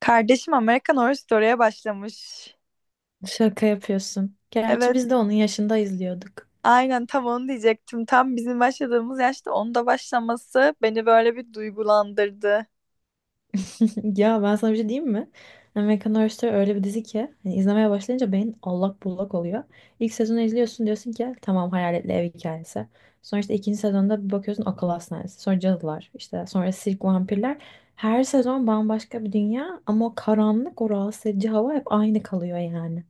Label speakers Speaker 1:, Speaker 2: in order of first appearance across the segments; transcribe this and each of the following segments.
Speaker 1: Kardeşim American Horror Story'e başlamış.
Speaker 2: Şaka yapıyorsun. Gerçi
Speaker 1: Evet,
Speaker 2: biz de onun yaşında izliyorduk.
Speaker 1: aynen tam onu diyecektim. Tam bizim başladığımız yaşta onu da başlaması beni böyle bir duygulandırdı.
Speaker 2: Ya ben sana bir şey diyeyim mi? American Horror Story öyle bir dizi ki hani izlemeye başlayınca beyin allak bullak oluyor. İlk sezonu izliyorsun diyorsun ki tamam hayaletli ev hikayesi. Sonra işte ikinci sezonda bir bakıyorsun akıl hastanesi. Sonra cadılar işte sonra sirk vampirler. Her sezon bambaşka bir dünya ama o karanlık o rahatsız edici hava hep aynı kalıyor yani.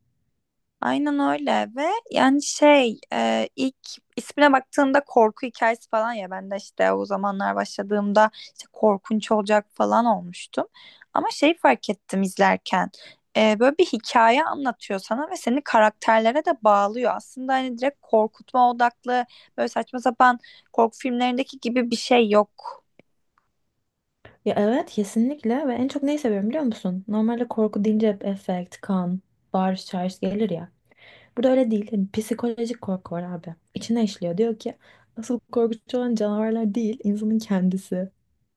Speaker 1: Aynen öyle ve yani şey ilk ismine baktığımda korku hikayesi falan, ya ben de işte o zamanlar başladığımda işte korkunç olacak falan olmuştum. Ama şey fark ettim izlerken, böyle bir hikaye anlatıyor sana ve seni karakterlere de bağlıyor. Aslında hani direkt korkutma odaklı, böyle saçma sapan korku filmlerindeki gibi bir şey yok.
Speaker 2: Ya evet kesinlikle ve en çok neyi seviyorum biliyor musun? Normalde korku deyince hep efekt, kan, bağırış çağırış gelir ya. Burada öyle değil. Hani psikolojik korku var abi. İçine işliyor. Diyor ki asıl korkutucu olan canavarlar değil, insanın kendisi.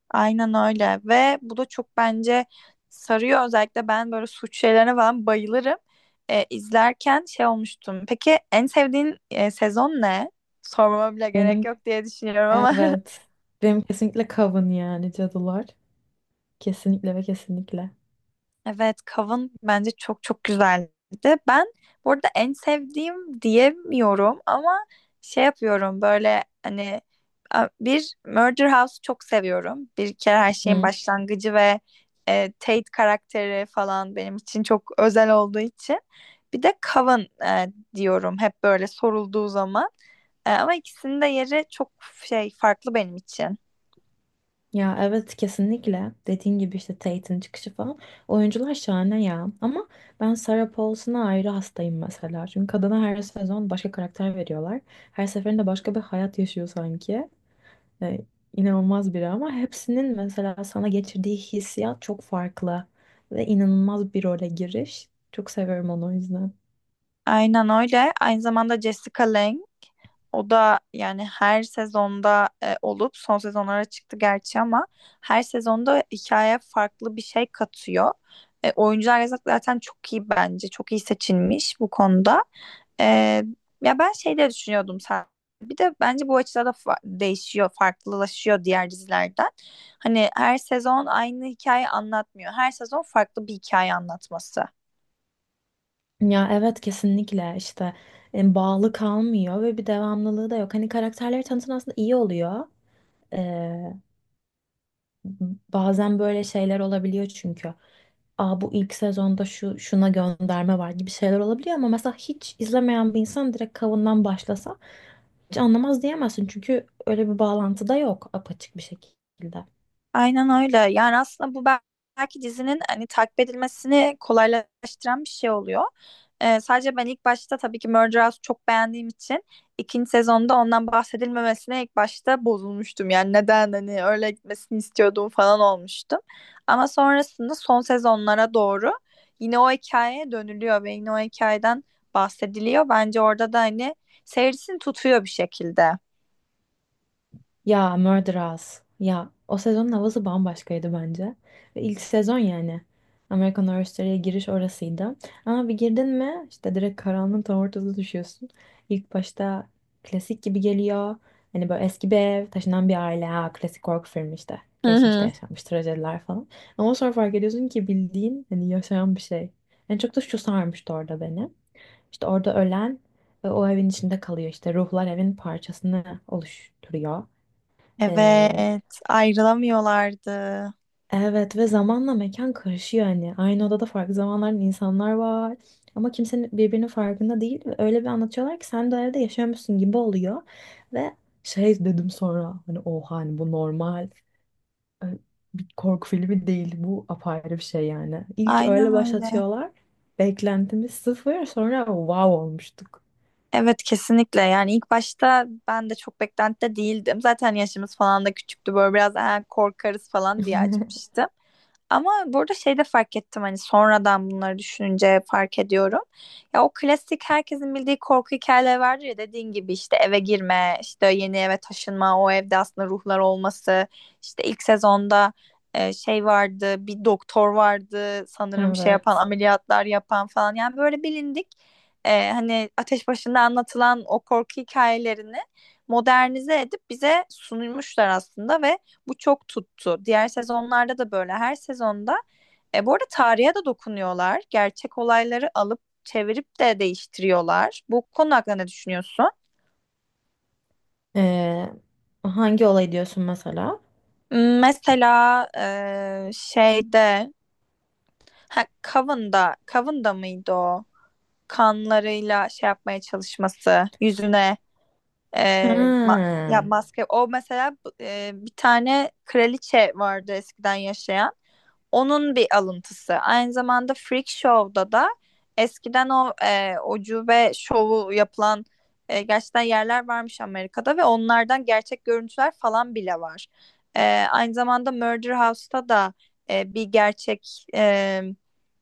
Speaker 1: Aynen öyle ve bu da çok bence sarıyor, özellikle ben böyle suç şeylerine falan bayılırım. İzlerken şey olmuştum. Peki en sevdiğin sezon ne? Sormama bile gerek
Speaker 2: Benim
Speaker 1: yok diye düşünüyorum ama.
Speaker 2: evet. Benim kesinlikle kavun yani cadılar. Kesinlikle ve kesinlikle.
Speaker 1: Evet, Kav'ın bence çok çok güzeldi. Ben burada en sevdiğim diyemiyorum ama şey yapıyorum böyle, hani bir Murder House'u çok seviyorum. Bir kere her şeyin
Speaker 2: Hı.
Speaker 1: başlangıcı ve Tate karakteri falan benim için çok özel olduğu için. Bir de Kav'ın, e, diyorum hep böyle sorulduğu zaman. Ama ikisinin de yeri çok şey farklı benim için.
Speaker 2: Ya evet kesinlikle. Dediğin gibi işte Tate'in çıkışı falan. Oyuncular şahane ya. Ama ben Sarah Paulson'a ayrı hastayım mesela. Çünkü kadına her sezon başka karakter veriyorlar. Her seferinde başka bir hayat yaşıyor sanki. E, inanılmaz biri ama hepsinin mesela sana geçirdiği hissiyat çok farklı ve inanılmaz bir role giriş. Çok seviyorum onu o yüzden.
Speaker 1: Aynen öyle. Aynı zamanda Jessica Lange. O da yani her sezonda olup son sezonlara çıktı gerçi, ama her sezonda hikayeye farklı bir şey katıyor. Oyuncular yazık, zaten çok iyi bence. Çok iyi seçilmiş bu konuda. E, ya ben şey de düşünüyordum sen. Bir de bence bu açıda da değişiyor, farklılaşıyor diğer dizilerden. Hani her sezon aynı hikaye anlatmıyor. Her sezon farklı bir hikaye anlatması.
Speaker 2: Ya evet kesinlikle işte bağlı kalmıyor ve bir devamlılığı da yok. Hani karakterleri tanıtan aslında iyi oluyor. E, Bazen böyle şeyler olabiliyor çünkü. Aa bu ilk sezonda şu şuna gönderme var gibi şeyler olabiliyor ama mesela hiç izlemeyen bir insan direkt kavundan başlasa hiç anlamaz diyemezsin çünkü öyle bir bağlantı da yok apaçık bir şekilde.
Speaker 1: Aynen öyle. Yani aslında bu belki dizinin hani takip edilmesini kolaylaştıran bir şey oluyor. Sadece ben ilk başta tabii ki Murder House çok beğendiğim için, ikinci sezonda ondan bahsedilmemesine ilk başta bozulmuştum. Yani neden hani, öyle gitmesini istiyordum falan olmuştum. Ama sonrasında son sezonlara doğru yine o hikayeye dönülüyor ve yine o hikayeden bahsediliyor. Bence orada da hani seyircisini tutuyor bir şekilde.
Speaker 2: Ya Murderers. Ya o sezonun havası bambaşkaydı bence. Ve ilk sezon yani. American Horror Story'ye giriş orasıydı. Ama bir girdin mi işte direkt karanlığın tam ortasına düşüyorsun. İlk başta klasik gibi geliyor. Hani böyle eski bir ev, taşınan bir aile. Ha, klasik korku filmi işte.
Speaker 1: Hı
Speaker 2: Geçmişte
Speaker 1: hı.
Speaker 2: yaşanmış trajediler falan. Ama sonra fark ediyorsun ki bildiğin hani yaşayan bir şey. En çok da şu sarmıştı orada beni. İşte orada ölen o evin içinde kalıyor. İşte ruhlar evin parçasını oluşturuyor. Ee,
Speaker 1: Evet, ayrılamıyorlardı.
Speaker 2: evet ve zamanla mekan karışıyor hani. Aynı odada farklı zamanların insanlar var. Ama kimsenin birbirinin farkında değil. Ve öyle bir anlatıyorlar ki sen de o evde yaşıyormuşsun gibi oluyor. Ve şey dedim sonra hani oha hani bu normal e, bir korku filmi değil. Bu apayrı bir şey yani. İlk öyle
Speaker 1: Aynen öyle.
Speaker 2: başlatıyorlar. Beklentimiz sıfır sonra wow olmuştuk.
Speaker 1: Evet, kesinlikle. Yani ilk başta ben de çok beklentide değildim. Zaten yaşımız falan da küçüktü. Böyle biraz "Aa, korkarız" falan diye açmıştım. Ama burada şey de fark ettim, hani sonradan bunları düşününce fark ediyorum. Ya o klasik herkesin bildiği korku hikayeleri vardır ya, dediğin gibi işte eve girme, işte yeni eve taşınma, o evde aslında ruhlar olması. İşte ilk sezonda şey vardı, bir doktor vardı sanırım şey yapan,
Speaker 2: Evet.
Speaker 1: ameliyatlar yapan falan. Yani böyle bilindik, hani ateş başında anlatılan o korku hikayelerini modernize edip bize sunulmuşlar aslında ve bu çok tuttu. Diğer sezonlarda da böyle. Her sezonda, bu arada tarihe de dokunuyorlar. Gerçek olayları alıp çevirip de değiştiriyorlar. Bu konu hakkında ne düşünüyorsun?
Speaker 2: Ee, Hangi olay diyorsun mesela?
Speaker 1: Mesela şeyde, ha, Coven'da, Coven'da mıydı o? Kanlarıyla şey yapmaya çalışması, yüzüne e,
Speaker 2: Ha.
Speaker 1: ya maske. O mesela, bir tane kraliçe vardı eskiden yaşayan. Onun bir alıntısı. Aynı zamanda Freak Show'da da eskiden o ucube şovu yapılan gerçekten yerler varmış Amerika'da ve onlardan gerçek görüntüler falan bile var. E, aynı zamanda Murder House'ta da bir gerçek,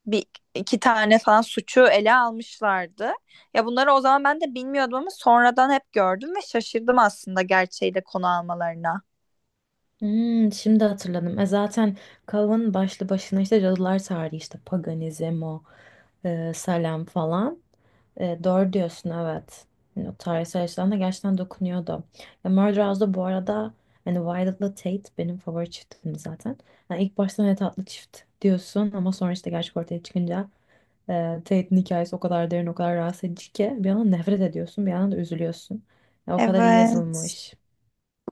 Speaker 1: bir iki tane falan suçu ele almışlardı. Ya bunları o zaman ben de bilmiyordum ama sonradan hep gördüm ve şaşırdım aslında gerçeği de konu almalarına.
Speaker 2: Hmm, şimdi hatırladım. E zaten Kav'ın başlı başına işte cadılar tarihi işte paganizm o Salem falan. E, doğru diyorsun evet. Yani o tarihsel açıdan da gerçekten dokunuyordu. Ya Murder House'da bu arada hani Violet'la Tate benim favori çiftimdi zaten. Yani ilk başta ne tatlı çift diyorsun ama sonra işte gerçek ortaya çıkınca E, Tate'in hikayesi o kadar derin, o kadar rahatsız edici ki bir yandan nefret ediyorsun, bir yandan da üzülüyorsun. Ya, o kadar iyi
Speaker 1: Evet.
Speaker 2: yazılmış.
Speaker 1: O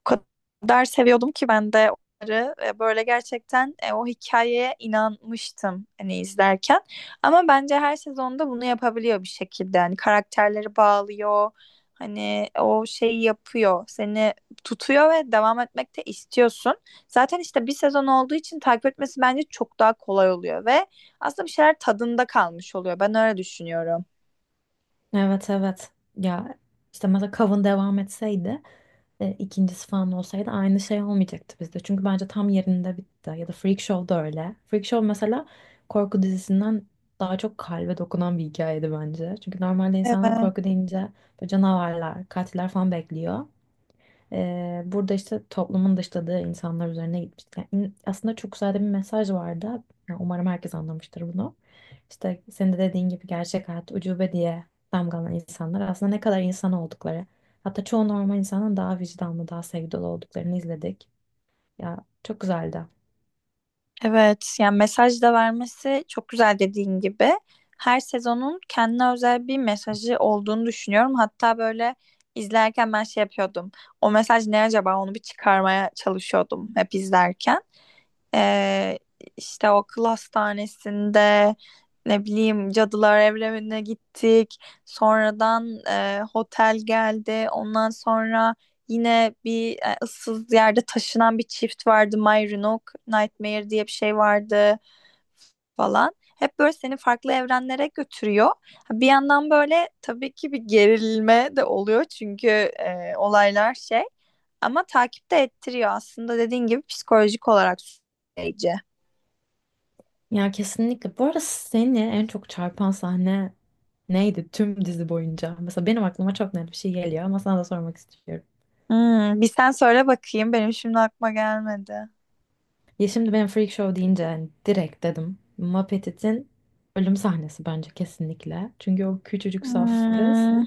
Speaker 1: kadar seviyordum ki ben de onları, böyle gerçekten o hikayeye inanmıştım hani izlerken. Ama bence her sezonda bunu yapabiliyor bir şekilde. Hani karakterleri bağlıyor. Hani o şeyi yapıyor. Seni tutuyor ve devam etmek de istiyorsun. Zaten işte bir sezon olduğu için takip etmesi bence çok daha kolay oluyor ve aslında bir şeyler tadında kalmış oluyor. Ben öyle düşünüyorum.
Speaker 2: Evet evet. Ya işte mesela Kav'ın devam etseydi, ikincisi falan olsaydı aynı şey olmayacaktı bizde. Çünkü bence tam yerinde bitti. Ya da Freak Show da öyle. Freak Show mesela korku dizisinden daha çok kalbe dokunan bir hikayeydi bence. Çünkü normalde insanlar
Speaker 1: Evet,
Speaker 2: korku deyince böyle canavarlar, katiller falan bekliyor. Burada işte toplumun dışladığı insanlar üzerine gitmiş. Yani aslında çok güzel de bir mesaj vardı. Yani umarım herkes anlamıştır bunu. İşte senin de dediğin gibi gerçek hayat ucube diye damgalanan insanlar aslında ne kadar insan oldukları. Hatta çoğu normal insanın daha vicdanlı, daha sevgi dolu olduklarını izledik. Ya çok güzeldi.
Speaker 1: evet. Yani mesaj da vermesi çok güzel, dediğin gibi. Her sezonun kendine özel bir mesajı olduğunu düşünüyorum. Hatta böyle izlerken ben şey yapıyordum. O mesaj ne acaba? Onu bir çıkarmaya çalışıyordum hep izlerken. Ee, işte o akıl hastanesinde, ne bileyim, cadılar evrenine gittik. Sonradan otel geldi. Ondan sonra yine bir ıssız yerde taşınan bir çift vardı. My Roanoke Nightmare diye bir şey vardı falan. Hep böyle seni farklı evrenlere götürüyor. Ha, bir yandan böyle tabii ki bir gerilme de oluyor, çünkü olaylar şey, ama takip de ettiriyor aslında, dediğin gibi psikolojik olarak süreci.
Speaker 2: Ya kesinlikle. Bu arada seni en çok çarpan sahne neydi tüm dizi boyunca? Mesela benim aklıma çok net bir şey geliyor ama sana da sormak istiyorum.
Speaker 1: Bir sen söyle bakayım. Benim şimdi aklıma gelmedi.
Speaker 2: Ya şimdi ben Freak Show deyince yani direkt dedim. Muppet'in ölüm sahnesi bence kesinlikle. Çünkü o küçücük saf kız
Speaker 1: Hmm,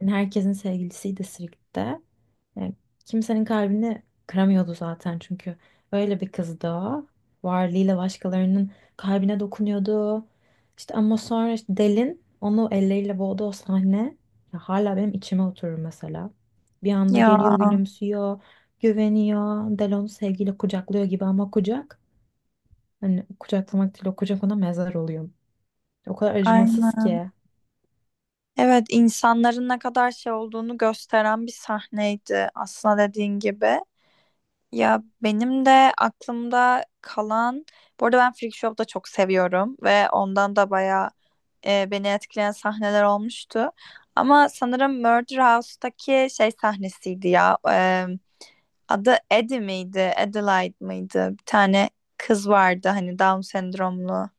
Speaker 2: yani herkesin sevgilisiydi Sirk'te. Yani kimsenin kalbini kıramıyordu zaten çünkü öyle bir kızdı o. Varlığıyla başkalarının kalbine dokunuyordu. İşte ama sonra işte Del'in onu elleriyle boğduğu o sahne ya hala benim içime oturur mesela. Bir anda
Speaker 1: ya
Speaker 2: geliyor gülümsüyor, güveniyor. Del onu sevgiyle kucaklıyor gibi ama kucak. Hani kucaklamak değil o kucak ona mezar oluyor. O kadar acımasız
Speaker 1: aynen.
Speaker 2: ki.
Speaker 1: Evet, insanların ne kadar şey olduğunu gösteren bir sahneydi aslında, dediğin gibi. Ya benim de aklımda kalan, bu arada ben Freak Show'u da çok seviyorum ve ondan da bayağı beni etkileyen sahneler olmuştu. Ama sanırım Murder House'taki şey sahnesiydi ya. Adı Eddie miydi? Adelaide mıydı? Bir tane kız vardı, hani Down sendromlu.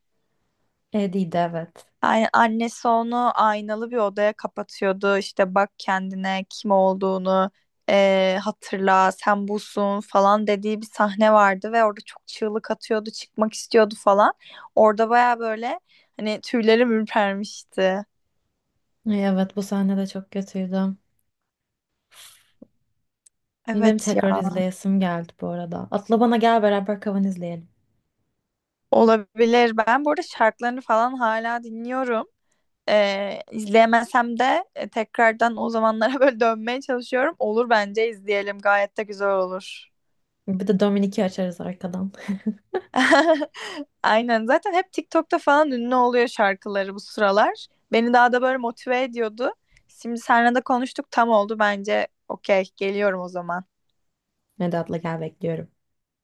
Speaker 2: Eddie'ydi evet.
Speaker 1: Yani annesi onu aynalı bir odaya kapatıyordu. "İşte bak kendine, kim olduğunu hatırla, sen busun" falan dediği bir sahne vardı ve orada çok çığlık atıyordu, çıkmak istiyordu falan. Orada baya böyle hani tüylerim ürpermişti.
Speaker 2: Ay, evet bu sahne de çok kötüydü. Benim
Speaker 1: Evet
Speaker 2: tekrar
Speaker 1: ya,
Speaker 2: izleyesim geldi bu arada. Atla bana gel beraber Kavan izleyelim.
Speaker 1: olabilir. Ben burada şarkılarını falan hala dinliyorum. İzleyemesem de tekrardan o zamanlara böyle dönmeye çalışıyorum. Olur bence, izleyelim. Gayet de güzel olur.
Speaker 2: Bir de Dominik'i açarız arkadan.
Speaker 1: Aynen. Zaten hep TikTok'ta falan ünlü oluyor şarkıları bu sıralar. Beni daha da böyle motive ediyordu. Şimdi seninle de konuştuk, tam oldu bence. Okey, geliyorum o zaman.
Speaker 2: Hadi atla gel bekliyorum.